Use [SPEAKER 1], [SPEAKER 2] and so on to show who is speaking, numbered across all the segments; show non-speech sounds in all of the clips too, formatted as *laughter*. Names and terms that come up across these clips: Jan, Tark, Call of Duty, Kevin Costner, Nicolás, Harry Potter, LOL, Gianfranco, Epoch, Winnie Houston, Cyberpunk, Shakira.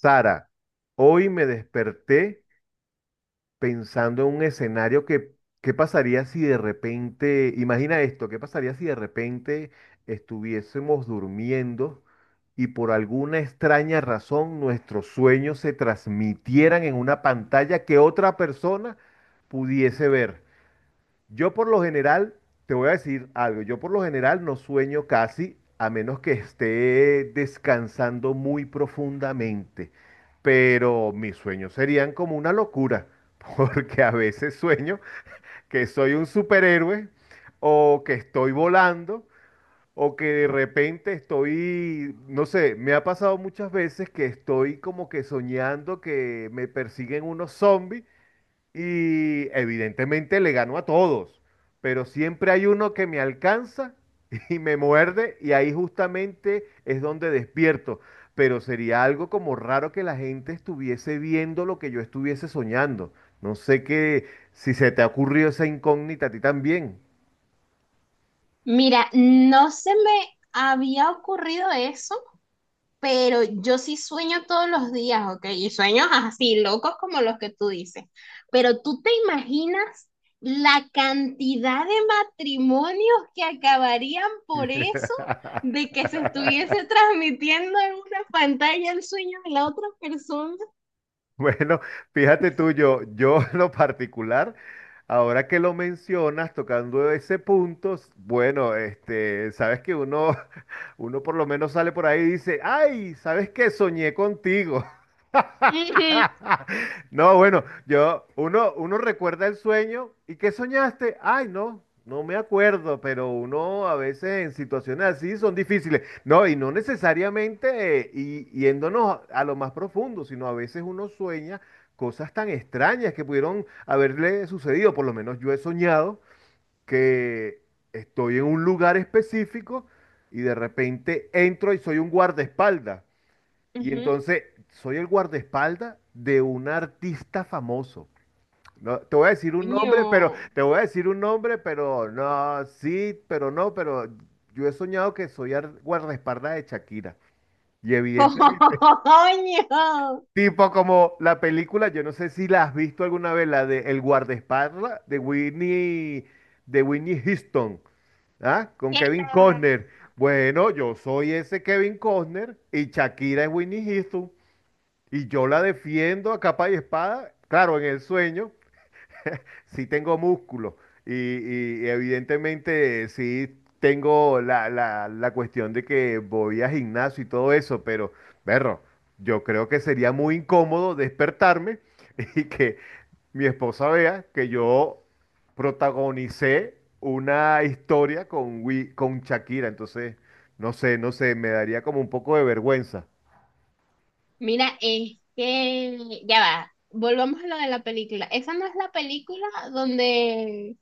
[SPEAKER 1] Sara, hoy me desperté pensando en un escenario ¿qué pasaría si de repente, imagina esto, qué pasaría si de repente estuviésemos durmiendo y por alguna extraña razón nuestros sueños se transmitieran en una pantalla que otra persona pudiese ver? Yo por lo general, te voy a decir algo, yo por lo general no sueño casi a menos que esté descansando muy profundamente, pero mis sueños serían como una locura, *laughs* porque a veces sueño que soy un superhéroe o que estoy volando o que de repente estoy, no sé, me ha pasado muchas veces que estoy como que soñando que me persiguen unos zombies y evidentemente le ganó a todos, pero siempre hay uno que me alcanza *laughs* y me muerde y ahí justamente es donde despierto. Pero sería algo como raro que la gente estuviese viendo lo que yo estuviese soñando. No sé qué, si se te ha ocurrido esa incógnita a ti también.
[SPEAKER 2] Mira, no se me había ocurrido eso, pero yo sí sueño todos los días, ¿ok? Y sueños así, locos como los que tú dices. Pero tú te imaginas la cantidad de matrimonios que acabarían por eso, de que se estuviese
[SPEAKER 1] *laughs*
[SPEAKER 2] transmitiendo en una pantalla el sueño de la otra persona.
[SPEAKER 1] *laughs* Bueno, fíjate tú, yo *laughs* en lo particular, ahora que lo mencionas, tocando ese punto, bueno, sabes que uno, *laughs* uno por lo menos sale por ahí y dice, ay, ¿sabes qué? Soñé contigo. *laughs*
[SPEAKER 2] Ujú,
[SPEAKER 1] No, bueno, yo, uno recuerda el sueño. ¿Y qué soñaste? Ay, no, no me acuerdo, pero uno a veces en situaciones así son difíciles. No, y no necesariamente y, yéndonos a lo más profundo, sino a veces uno sueña cosas tan extrañas que pudieron haberle sucedido. Por lo menos yo he soñado que estoy en un lugar específico y de repente entro y soy un guardaespaldas. Y
[SPEAKER 2] ujú.
[SPEAKER 1] entonces soy el guardaespaldas de un artista famoso. No, te voy a decir un
[SPEAKER 2] Coño,
[SPEAKER 1] nombre, pero te voy a decir un nombre, pero no, sí, pero no, pero yo he soñado que soy guardaespaldas de Shakira. Y evidentemente,
[SPEAKER 2] *laughs* coño,
[SPEAKER 1] tipo como la película, yo no sé si la has visto alguna vez, la de El guardaespaldas de Winnie Houston, ¿ah? Con
[SPEAKER 2] que
[SPEAKER 1] Kevin
[SPEAKER 2] la-
[SPEAKER 1] Costner. Bueno, yo soy ese Kevin Costner y Shakira es Winnie Houston. Y yo la defiendo a capa y espada. Claro, en el sueño sí tengo músculo y, y evidentemente sí tengo la cuestión de que voy a gimnasio y todo eso, pero, perro, yo creo que sería muy incómodo despertarme *laughs* y que mi esposa vea que yo protagonicé una historia con, con Shakira. Entonces, no sé, no sé, me daría como un poco de vergüenza.
[SPEAKER 2] Mira, es que ya va, volvamos a lo de la película. Esa no es la película donde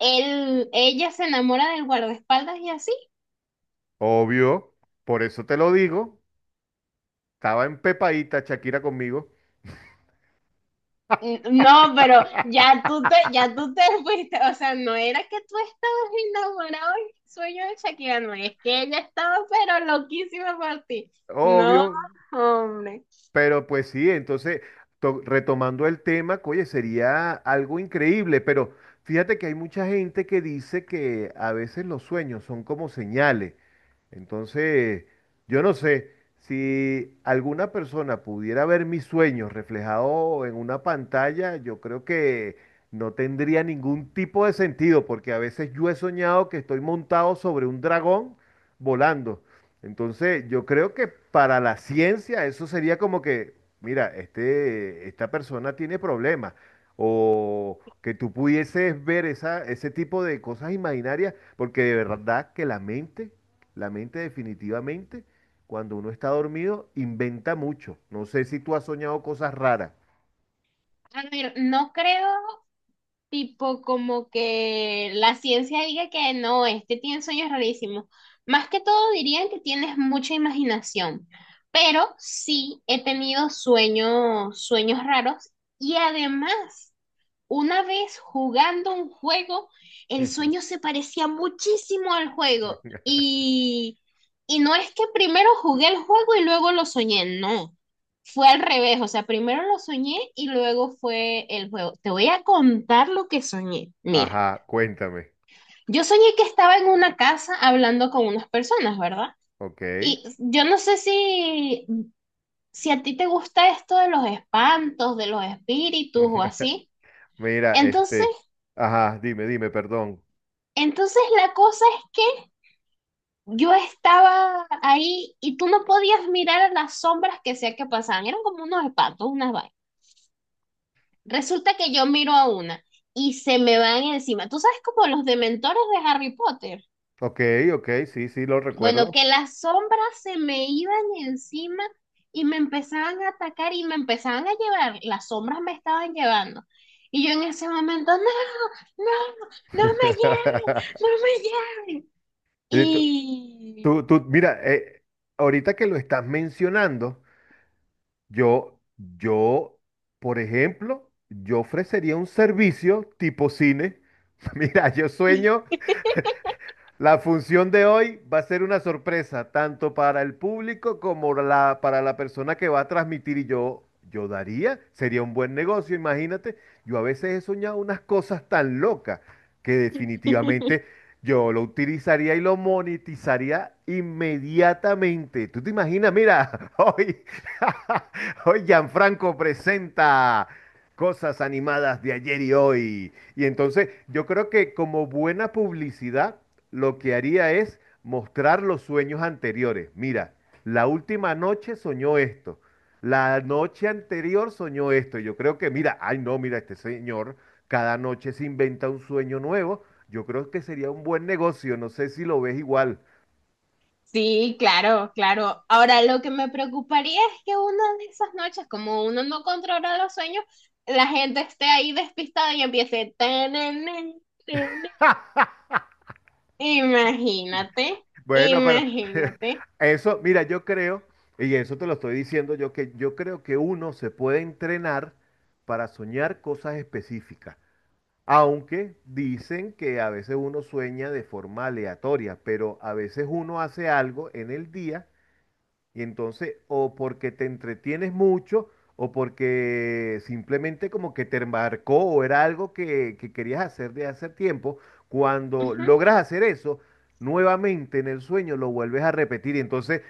[SPEAKER 2] él, ella se enamora del guardaespaldas y así.
[SPEAKER 1] Obvio, por eso te lo digo. Estaba empepadita Shakira conmigo,
[SPEAKER 2] Mm, no, pero ya tú te *laughs* fuiste. O sea, no era que tú estabas enamorado en el sueño de Shakira, no, es que ella estaba pero loquísima por ti. No,
[SPEAKER 1] obvio,
[SPEAKER 2] hombre.
[SPEAKER 1] pero pues sí, entonces, retomando el tema, oye, sería algo increíble, pero fíjate que hay mucha gente que dice que a veces los sueños son como señales. Entonces, yo no sé si alguna persona pudiera ver mis sueños reflejados en una pantalla, yo creo que no tendría ningún tipo de sentido, porque a veces yo he soñado que estoy montado sobre un dragón volando. Entonces, yo creo que para la ciencia eso sería como que, mira, esta persona tiene problemas, o que tú pudieses ver ese tipo de cosas imaginarias, porque de verdad que la mente definitivamente, cuando uno está dormido, inventa mucho. No sé si tú has soñado cosas raras.
[SPEAKER 2] A ver, no creo. Tipo como que la ciencia diga que no, este tiene sueños rarísimos. Más que todo dirían que tienes mucha imaginación, pero sí he tenido sueños, raros y además una vez jugando un juego, el sueño
[SPEAKER 1] *laughs*
[SPEAKER 2] se parecía muchísimo al juego y no es que primero jugué el juego y luego lo soñé, no, fue al revés, o sea, primero lo soñé y luego fue el juego. Te voy a contar lo que soñé. Mira,
[SPEAKER 1] Ajá, cuéntame.
[SPEAKER 2] yo soñé que estaba en una casa hablando con unas personas, ¿verdad?
[SPEAKER 1] Ok.
[SPEAKER 2] Y yo no sé si, si a ti te gusta esto de los espantos, de los espíritus o
[SPEAKER 1] *laughs*
[SPEAKER 2] así.
[SPEAKER 1] Mira,
[SPEAKER 2] Entonces,
[SPEAKER 1] este. Ajá, dime, dime, perdón.
[SPEAKER 2] entonces la cosa es que yo estaba ahí y tú no podías mirar a las sombras que sea que pasaban. Eran como unos patos, unas vainas. Resulta que yo miro a una y se me van encima. ¿Tú sabes como los dementores de Harry Potter?
[SPEAKER 1] Ok, ok, sí, sí, lo
[SPEAKER 2] Bueno,
[SPEAKER 1] recuerdo.
[SPEAKER 2] que las sombras se me iban encima y me empezaban a atacar y me empezaban a llevar. Las sombras me estaban llevando. Y yo en ese momento, no, no, no me lleven, no
[SPEAKER 1] *laughs*
[SPEAKER 2] me lleven.
[SPEAKER 1] Y
[SPEAKER 2] Y...
[SPEAKER 1] mira, ahorita que lo estás mencionando, yo, yo, por ejemplo, yo ofrecería un servicio tipo cine. *laughs* Mira, yo sueño. La función de hoy va a ser una sorpresa, tanto para el público como para la persona que va a transmitir. Y yo daría, sería un buen negocio, imagínate. Yo a veces he soñado unas cosas tan locas que definitivamente
[SPEAKER 2] *laughs*
[SPEAKER 1] yo lo utilizaría y lo monetizaría inmediatamente. ¿Tú te imaginas? Mira, *laughs* hoy, *laughs* hoy Gianfranco presenta cosas animadas de ayer y hoy. Y entonces yo creo que como buena publicidad lo que haría es mostrar los sueños anteriores. Mira, la última noche soñó esto, la noche anterior soñó esto. Yo creo que, mira, ay no, mira, este señor cada noche se inventa un sueño nuevo. Yo creo que sería un buen negocio, no sé si lo ves igual.
[SPEAKER 2] Sí, claro, claro. Ahora, lo que me preocuparía es que una de esas noches, como uno no controla los sueños, la gente esté ahí despistada y empiece... "Tanana, tanana". Imagínate,
[SPEAKER 1] Bueno, pero *laughs*
[SPEAKER 2] imagínate.
[SPEAKER 1] eso, mira, yo creo, y eso te lo estoy diciendo yo, que yo creo que uno se puede entrenar para soñar cosas específicas. Aunque dicen que a veces uno sueña de forma aleatoria, pero a veces uno hace algo en el día y entonces, o porque te entretienes mucho, o porque simplemente como que te marcó o era algo que querías hacer de hace tiempo, cuando
[SPEAKER 2] Ujú.
[SPEAKER 1] logras hacer eso, nuevamente en el sueño lo vuelves a repetir. Y entonces,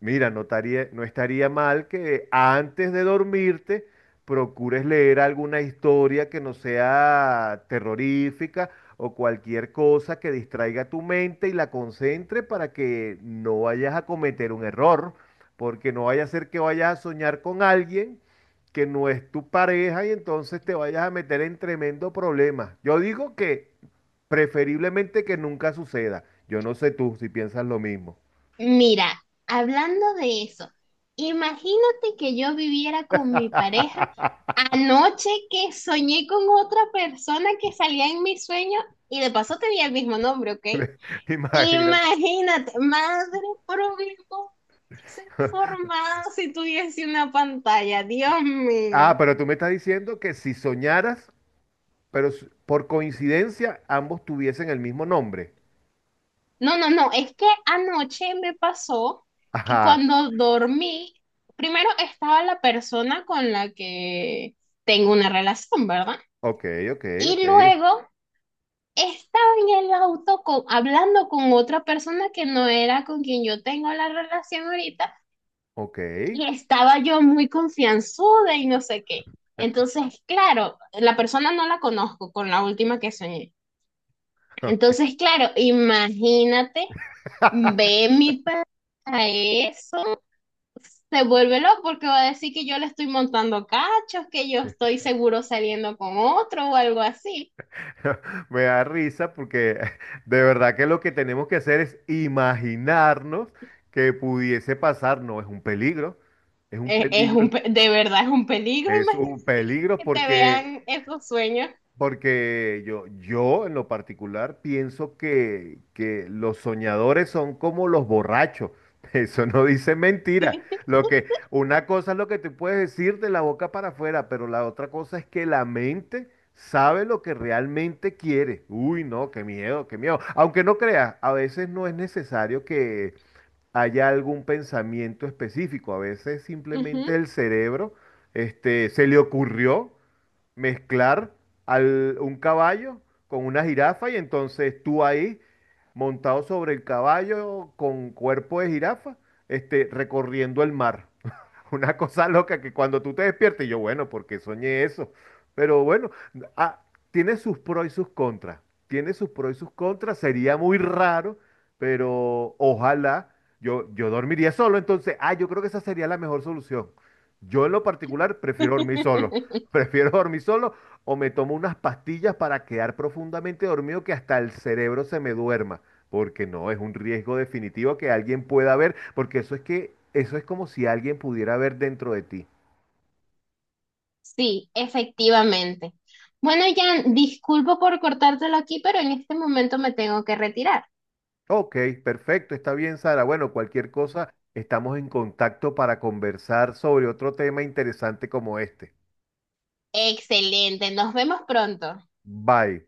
[SPEAKER 1] mira, no estaría mal que antes de dormirte procures leer alguna historia que no sea terrorífica o cualquier cosa que distraiga tu mente y la concentre para que no vayas a cometer un error. Porque no vaya a ser que vayas a soñar con alguien que no es tu pareja y entonces te vayas a meter en tremendo problema. Yo digo que preferiblemente que nunca suceda. Yo no sé tú si piensas lo mismo.
[SPEAKER 2] Mira, hablando de eso, imagínate que yo viviera con mi pareja, anoche que soñé con otra persona que salía en mis sueños y de paso tenía el mismo nombre, ¿ok?
[SPEAKER 1] *laughs* Imagínate.
[SPEAKER 2] Imagínate, madre problema que se formaba si tuviese una pantalla, Dios
[SPEAKER 1] Ah,
[SPEAKER 2] mío.
[SPEAKER 1] pero tú me estás diciendo que si soñaras, pero por coincidencia ambos tuviesen el mismo nombre.
[SPEAKER 2] No, no, no, es que anoche me pasó que
[SPEAKER 1] Ajá.
[SPEAKER 2] cuando dormí, primero estaba la persona con la que tengo una relación, ¿verdad?
[SPEAKER 1] Ok, ok, ok.
[SPEAKER 2] Y luego estaba en el auto con, hablando con otra persona que no era con quien yo tengo la relación ahorita.
[SPEAKER 1] Ok.
[SPEAKER 2] Y estaba yo muy confianzuda y no sé qué. Entonces, claro, la persona no la conozco, con la última que soñé.
[SPEAKER 1] *laughs*
[SPEAKER 2] Entonces, claro, imagínate, ve mi pa- a eso, se vuelve loco porque va a decir que yo le estoy montando cachos, que yo estoy seguro saliendo con otro o algo así.
[SPEAKER 1] *laughs* Me da risa porque *laughs* de verdad que lo que tenemos que hacer es imaginarnos que pudiese pasar. No, es un peligro, es un peligro,
[SPEAKER 2] De verdad es un peligro, *laughs*
[SPEAKER 1] es un
[SPEAKER 2] imagínate
[SPEAKER 1] peligro
[SPEAKER 2] que te
[SPEAKER 1] porque
[SPEAKER 2] vean esos sueños.
[SPEAKER 1] yo en lo particular pienso que los soñadores son como los borrachos. *laughs* Eso no dice mentira.
[SPEAKER 2] *laughs*
[SPEAKER 1] Lo que, una cosa es lo que tú puedes decir de la boca para afuera, pero la otra cosa es que la mente sabe lo que realmente quiere. Uy, no, qué miedo, qué miedo. Aunque no creas, a veces no es necesario que haya algún pensamiento específico. A veces
[SPEAKER 2] Ujú.
[SPEAKER 1] simplemente el cerebro, se le ocurrió mezclar un caballo con una jirafa y entonces tú ahí montado sobre el caballo con cuerpo de jirafa, recorriendo el mar. *laughs* Una cosa loca que cuando tú te despiertes, yo, bueno, porque soñé eso. Pero bueno, ah, tiene sus pros y sus contras. Tiene sus pros y sus contras. Sería muy raro, pero ojalá yo dormiría solo. Entonces, ah, yo creo que esa sería la mejor solución. Yo en lo particular prefiero dormir solo. *laughs*
[SPEAKER 2] *laughs*
[SPEAKER 1] Prefiero dormir solo o me tomo unas pastillas para quedar profundamente dormido que hasta el cerebro se me duerma. Porque no, es un riesgo definitivo que alguien pueda ver, porque eso es que, eso es como si alguien pudiera ver dentro de ti.
[SPEAKER 2] Sí, efectivamente. Bueno, Jan, disculpo por cortártelo aquí, pero en este momento me tengo que retirar.
[SPEAKER 1] Ok, perfecto, está bien, Sara. Bueno, cualquier cosa, estamos en contacto para conversar sobre otro tema interesante como este.
[SPEAKER 2] Excelente, nos vemos pronto.
[SPEAKER 1] Bye.